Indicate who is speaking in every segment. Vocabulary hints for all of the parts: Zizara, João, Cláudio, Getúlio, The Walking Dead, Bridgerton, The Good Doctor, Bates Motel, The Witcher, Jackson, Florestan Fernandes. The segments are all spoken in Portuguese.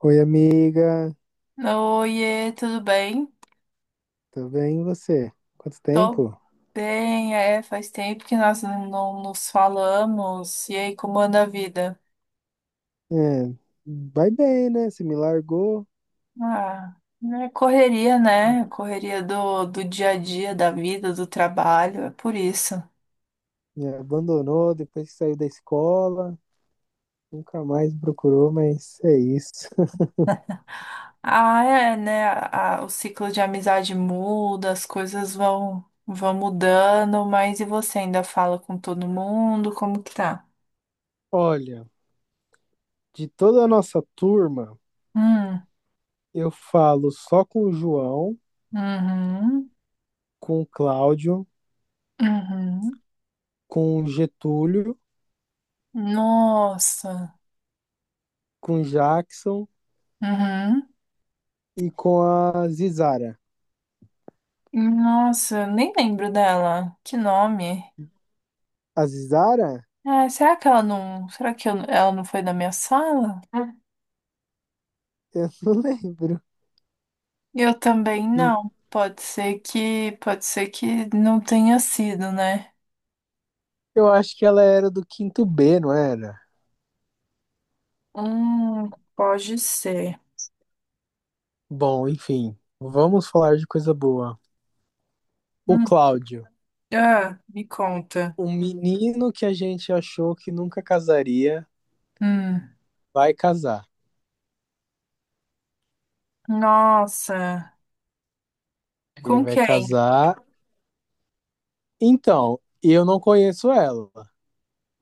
Speaker 1: Oi, amiga,
Speaker 2: Oiê, tudo bem?
Speaker 1: tudo bem e você? Quanto
Speaker 2: Tô
Speaker 1: tempo?
Speaker 2: bem, é, faz tempo que nós não nos falamos. E aí, como anda a vida?
Speaker 1: É, vai bem, né? Você me largou,
Speaker 2: Ah, é correria, né? Correria do dia a dia, da vida, do trabalho, é por isso.
Speaker 1: me abandonou depois que saiu da escola, nunca mais me procurou, mas é isso.
Speaker 2: Ah, é, né? O ciclo de amizade muda, as coisas vão mudando, mas e você ainda fala com todo mundo? Como que tá?
Speaker 1: Olha, de toda a nossa turma,
Speaker 2: Hum,
Speaker 1: eu falo só com o João,
Speaker 2: uhum,
Speaker 1: com o Cláudio,
Speaker 2: uhum.
Speaker 1: com o Getúlio,
Speaker 2: Nossa,
Speaker 1: com o Jackson
Speaker 2: uhum.
Speaker 1: e com a Zizara.
Speaker 2: Nossa, nem lembro dela. Que nome?
Speaker 1: A Zizara?
Speaker 2: Ah, será que ela não. Será que ela não foi da minha sala? Ah.
Speaker 1: Eu não lembro.
Speaker 2: Eu também não. Pode ser que. Pode ser que não tenha sido, né?
Speaker 1: Eu acho que ela era do quinto B, não era?
Speaker 2: Pode ser.
Speaker 1: Bom, enfim, vamos falar de coisa boa. O
Speaker 2: Hum.
Speaker 1: Cláudio,
Speaker 2: Ah, me conta.
Speaker 1: um menino que a gente achou que nunca casaria,
Speaker 2: Hum.
Speaker 1: vai casar.
Speaker 2: Nossa.
Speaker 1: Ele
Speaker 2: Com
Speaker 1: vai
Speaker 2: quem?
Speaker 1: casar. Então, eu não conheço ela,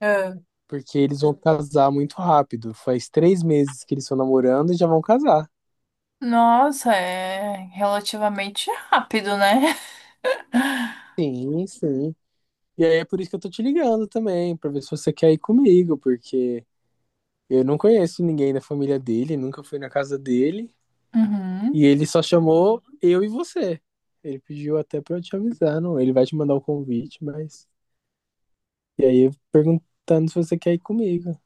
Speaker 2: Ah.
Speaker 1: porque eles vão casar muito rápido. Faz 3 meses que eles estão namorando e já vão casar.
Speaker 2: Nossa, é relativamente rápido, né?
Speaker 1: Sim, sim. E aí é por isso que eu tô te ligando também, pra ver se você quer ir comigo, porque eu não conheço ninguém da família dele, nunca fui na casa dele.
Speaker 2: Uhum.
Speaker 1: E ele só chamou eu e você. Ele pediu até pra eu te avisar, não? Ele vai te mandar o convite, mas. E aí, eu perguntando se você quer ir comigo.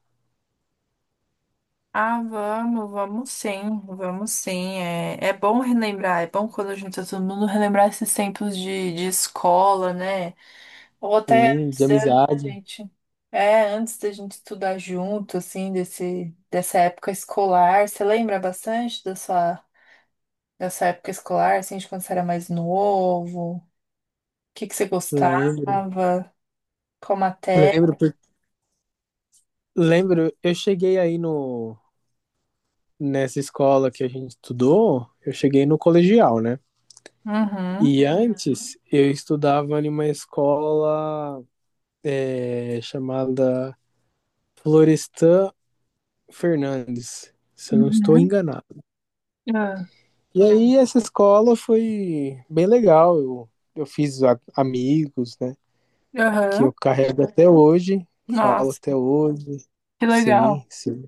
Speaker 2: Ah, vamos, vamos sim, vamos sim. É, é bom relembrar, é bom quando a gente tá todo mundo relembrar esses tempos de escola, né? Ou até
Speaker 1: Sim, de
Speaker 2: antes, antes da
Speaker 1: amizade.
Speaker 2: gente. É, antes da gente estudar junto, assim, dessa época escolar. Você lembra bastante dessa época escolar, assim, de quando você era mais novo? O que que você
Speaker 1: Lembro.
Speaker 2: gostava? Qual matéria?
Speaker 1: Lembro, eu cheguei aí no... nessa escola que a gente estudou, eu cheguei no colegial, né?
Speaker 2: Uhum.
Speaker 1: E antes, eu estudava em uma escola chamada Florestan Fernandes, se eu não estou
Speaker 2: Uhum.
Speaker 1: enganado.
Speaker 2: Ah,
Speaker 1: E aí essa escola foi bem legal. Eu fiz amigos, né? Que
Speaker 2: aham.
Speaker 1: eu carrego até hoje, falo
Speaker 2: Nossa,
Speaker 1: até hoje.
Speaker 2: que legal.
Speaker 1: Sim, sim.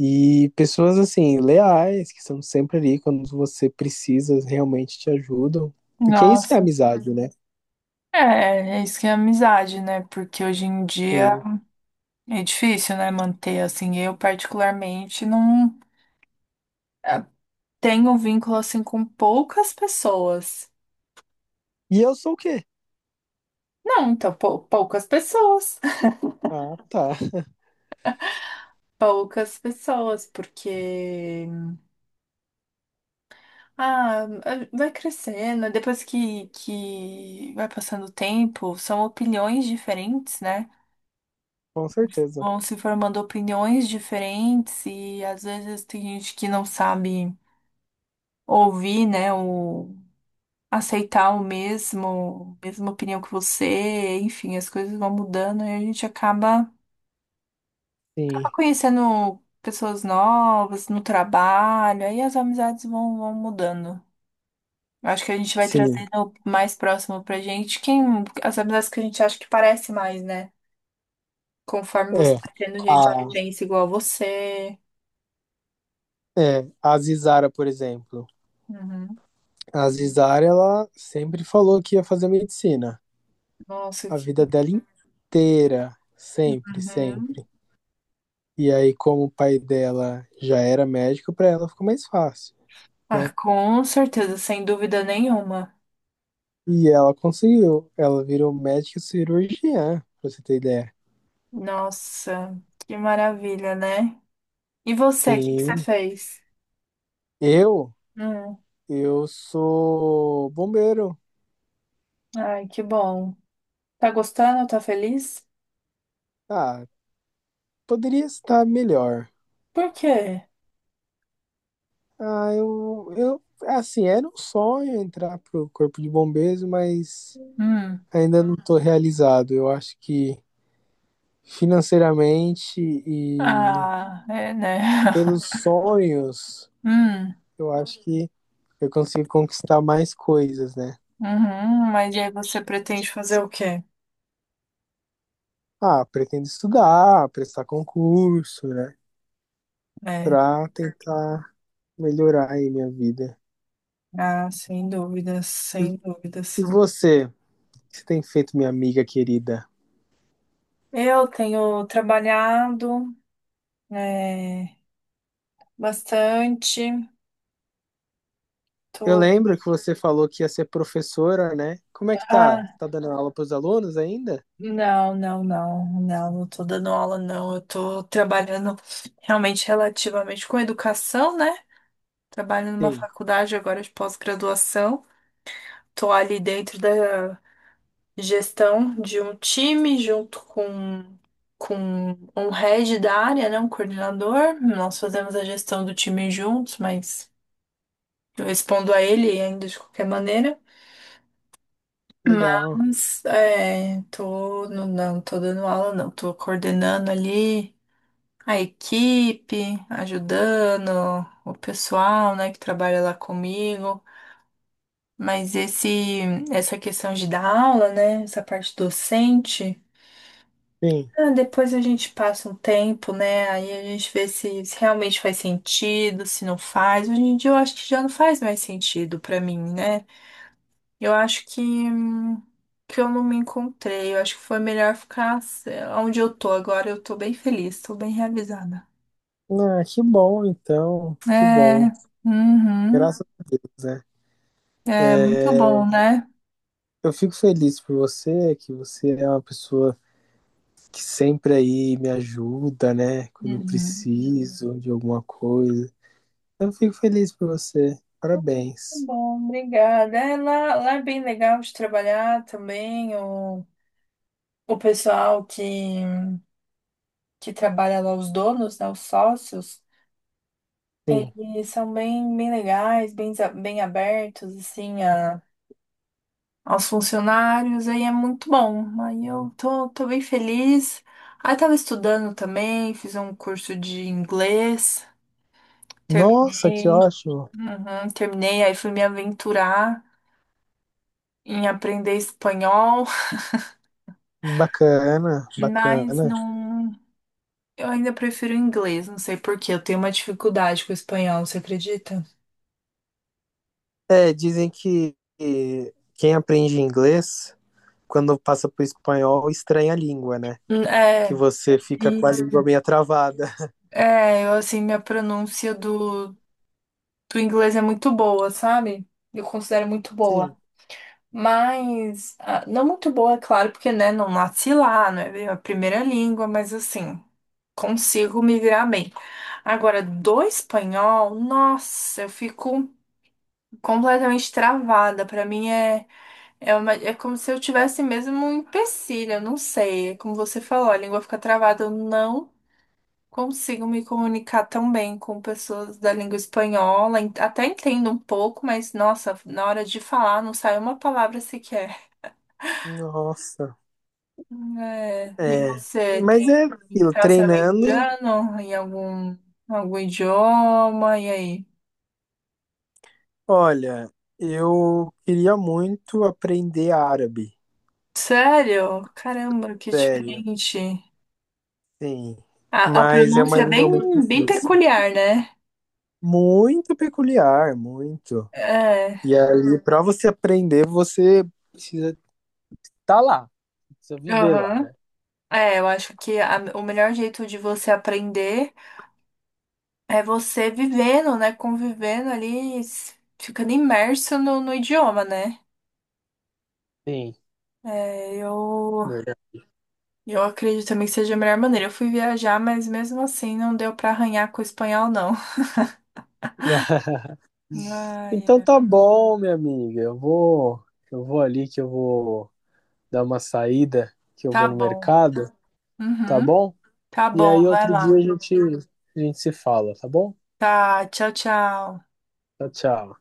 Speaker 1: E pessoas assim, leais, que são sempre ali quando você precisa, realmente te ajudam. Porque isso é
Speaker 2: Nossa.
Speaker 1: amizade, né?
Speaker 2: É, é isso que é amizade, né? Porque hoje em dia
Speaker 1: Sim.
Speaker 2: é difícil, né, manter assim. Eu particularmente não eh, tenho vínculo assim com poucas pessoas.
Speaker 1: E eu sou o quê?
Speaker 2: Não, então poucas pessoas.
Speaker 1: Ah, tá.
Speaker 2: Poucas pessoas, porque ah, vai crescendo, depois que vai passando o tempo, são opiniões diferentes, né?
Speaker 1: Com certeza.
Speaker 2: Vão se formando opiniões diferentes e às vezes tem gente que não sabe ouvir, né, o aceitar o mesma opinião que você, enfim, as coisas vão mudando e a gente acaba
Speaker 1: Sim,
Speaker 2: conhecendo pessoas novas no trabalho, aí as amizades vão mudando. Eu acho que a gente vai
Speaker 1: sim.
Speaker 2: trazendo mais próximo pra gente quem, as amizades que a gente acha que parece mais, né? Conforme você
Speaker 1: É.
Speaker 2: vai tendo gente que
Speaker 1: A,
Speaker 2: pensa igual a você.
Speaker 1: é, a Zizara, por exemplo.
Speaker 2: Uhum.
Speaker 1: A Zizara, ela sempre falou que ia fazer medicina.
Speaker 2: Nossa,
Speaker 1: A
Speaker 2: que...
Speaker 1: vida dela inteira, sempre,
Speaker 2: Uhum.
Speaker 1: sempre. E aí, como o pai dela já era médico, para ela ficou mais fácil,
Speaker 2: Ah,
Speaker 1: né?
Speaker 2: com certeza, sem dúvida nenhuma.
Speaker 1: E ela conseguiu, ela virou médica cirurgiã, pra você ter ideia.
Speaker 2: Nossa, que maravilha, né? E você, o que que você
Speaker 1: Sim,
Speaker 2: fez?
Speaker 1: eu,
Speaker 2: Hum,
Speaker 1: eu sou bombeiro.
Speaker 2: ai, que bom. Tá gostando? Tá feliz?
Speaker 1: Ah, poderia estar melhor.
Speaker 2: Por quê?
Speaker 1: Ah, assim, era um sonho entrar pro corpo de bombeiros, mas
Speaker 2: Hum,
Speaker 1: ainda não tô realizado. Eu acho que financeiramente e
Speaker 2: ah, é, né?
Speaker 1: pelos sonhos,
Speaker 2: Hum,
Speaker 1: eu acho que eu consigo conquistar mais coisas, né?
Speaker 2: uhum, mas aí você pretende fazer o quê?
Speaker 1: Ah, pretendo estudar, prestar concurso, né?
Speaker 2: É,
Speaker 1: Pra tentar melhorar aí minha vida.
Speaker 2: ah, sem dúvidas, sem
Speaker 1: E
Speaker 2: dúvidas.
Speaker 1: você, o que você tem feito, minha amiga querida?
Speaker 2: Eu tenho trabalhado, é, bastante.
Speaker 1: Eu
Speaker 2: Tô...
Speaker 1: lembro que você falou que ia ser professora, né? Como é que tá?
Speaker 2: Ah,
Speaker 1: Tá dando aula pros alunos ainda?
Speaker 2: não, não, não, não, não tô dando aula, não. Eu tô trabalhando realmente relativamente com educação, né? Trabalho numa
Speaker 1: Sim,
Speaker 2: faculdade agora de pós-graduação. Tô ali dentro da gestão de um time junto com um head da área, né? Um coordenador. Nós fazemos a gestão do time juntos, mas eu respondo a ele ainda de qualquer maneira.
Speaker 1: legal.
Speaker 2: Mas é, tô, não tô dando aula, não. Tô coordenando ali a equipe, ajudando o pessoal, né, que trabalha lá comigo. Mas essa questão de dar aula, né? Essa parte docente,
Speaker 1: Sim.
Speaker 2: depois a gente passa um tempo, né? Aí a gente vê se realmente faz sentido, se não faz. Hoje em dia eu acho que já não faz mais sentido pra mim, né? Eu acho que eu não me encontrei. Eu acho que foi melhor ficar sei lá, onde eu tô agora. Eu tô bem feliz, tô bem realizada.
Speaker 1: Ah, que bom, então. Que
Speaker 2: É,
Speaker 1: bom.
Speaker 2: uhum,
Speaker 1: Graças a Deus, né?
Speaker 2: é muito bom, né?
Speaker 1: Eu fico feliz por você, que você é uma pessoa que sempre aí me ajuda, né? Quando eu
Speaker 2: Uhum.
Speaker 1: preciso de alguma coisa. Eu fico feliz por você.
Speaker 2: Tá
Speaker 1: Parabéns.
Speaker 2: bom, obrigada. É, lá é bem legal de trabalhar também. O pessoal que trabalha lá, os donos, né, os sócios,
Speaker 1: Sim.
Speaker 2: eles são bem, bem legais, bem, bem abertos, assim, aos funcionários. Aí é muito bom. Aí eu tô bem feliz. Aí tava estudando também, fiz um curso de inglês,
Speaker 1: Nossa, que
Speaker 2: terminei.
Speaker 1: ótimo.
Speaker 2: Uhum, terminei, aí fui me aventurar em aprender espanhol.
Speaker 1: Bacana,
Speaker 2: Mas
Speaker 1: bacana.
Speaker 2: não. Eu ainda prefiro o inglês, não sei por quê. Eu tenho uma dificuldade com o espanhol, você acredita?
Speaker 1: É, dizem que quem aprende inglês, quando passa pro espanhol, estranha a língua, né? Que
Speaker 2: É,
Speaker 1: você fica com a
Speaker 2: isso.
Speaker 1: língua meio travada.
Speaker 2: É, eu assim, minha pronúncia do inglês é muito boa, sabe? Eu considero muito boa.
Speaker 1: Sim.
Speaker 2: Mas, ah, não muito boa, é claro, porque, né, não nasci lá, não é a primeira língua, mas assim, consigo me virar bem. Agora, do espanhol, nossa, eu fico completamente travada. Pra mim é. É, é como se eu tivesse mesmo um empecilho, eu não sei. É como você falou, a língua fica travada. Eu não consigo me comunicar tão bem com pessoas da língua espanhola. Até entendo um pouco, mas nossa, na hora de falar não sai uma palavra sequer.
Speaker 1: Nossa.
Speaker 2: É, e
Speaker 1: É.
Speaker 2: você
Speaker 1: Mas é
Speaker 2: tem
Speaker 1: aquilo,
Speaker 2: tá se
Speaker 1: treinando.
Speaker 2: aventurando em algum idioma? E aí?
Speaker 1: Olha, eu queria muito aprender árabe.
Speaker 2: Sério? Caramba, que
Speaker 1: Sério,
Speaker 2: diferente.
Speaker 1: sim.
Speaker 2: A
Speaker 1: Mas é uma
Speaker 2: pronúncia é
Speaker 1: língua muito
Speaker 2: bem, bem
Speaker 1: difícil.
Speaker 2: peculiar, né?
Speaker 1: Muito peculiar, muito.
Speaker 2: É.
Speaker 1: E ali, para você aprender, você precisa estar lá. Precisa viver lá,
Speaker 2: Aham.
Speaker 1: né?
Speaker 2: É, eu acho que o melhor jeito de você aprender é você vivendo, né? Convivendo ali, ficando imerso no idioma, né?
Speaker 1: Sim,
Speaker 2: É, eu,
Speaker 1: verdade.
Speaker 2: eu acredito também que seja a melhor maneira. Eu fui viajar, mas mesmo assim não deu pra arranhar com o espanhol, não. Ai,
Speaker 1: Então
Speaker 2: é.
Speaker 1: tá bom, minha amiga. Eu vou ali que eu vou dar uma saída, que eu vou
Speaker 2: Tá
Speaker 1: no
Speaker 2: bom.
Speaker 1: mercado, tá
Speaker 2: Uhum.
Speaker 1: bom?
Speaker 2: Tá
Speaker 1: E
Speaker 2: bom,
Speaker 1: aí
Speaker 2: vai
Speaker 1: outro dia a
Speaker 2: lá.
Speaker 1: gente, a gente se fala, tá bom?
Speaker 2: Tá, tchau, tchau.
Speaker 1: Tchau, tchau.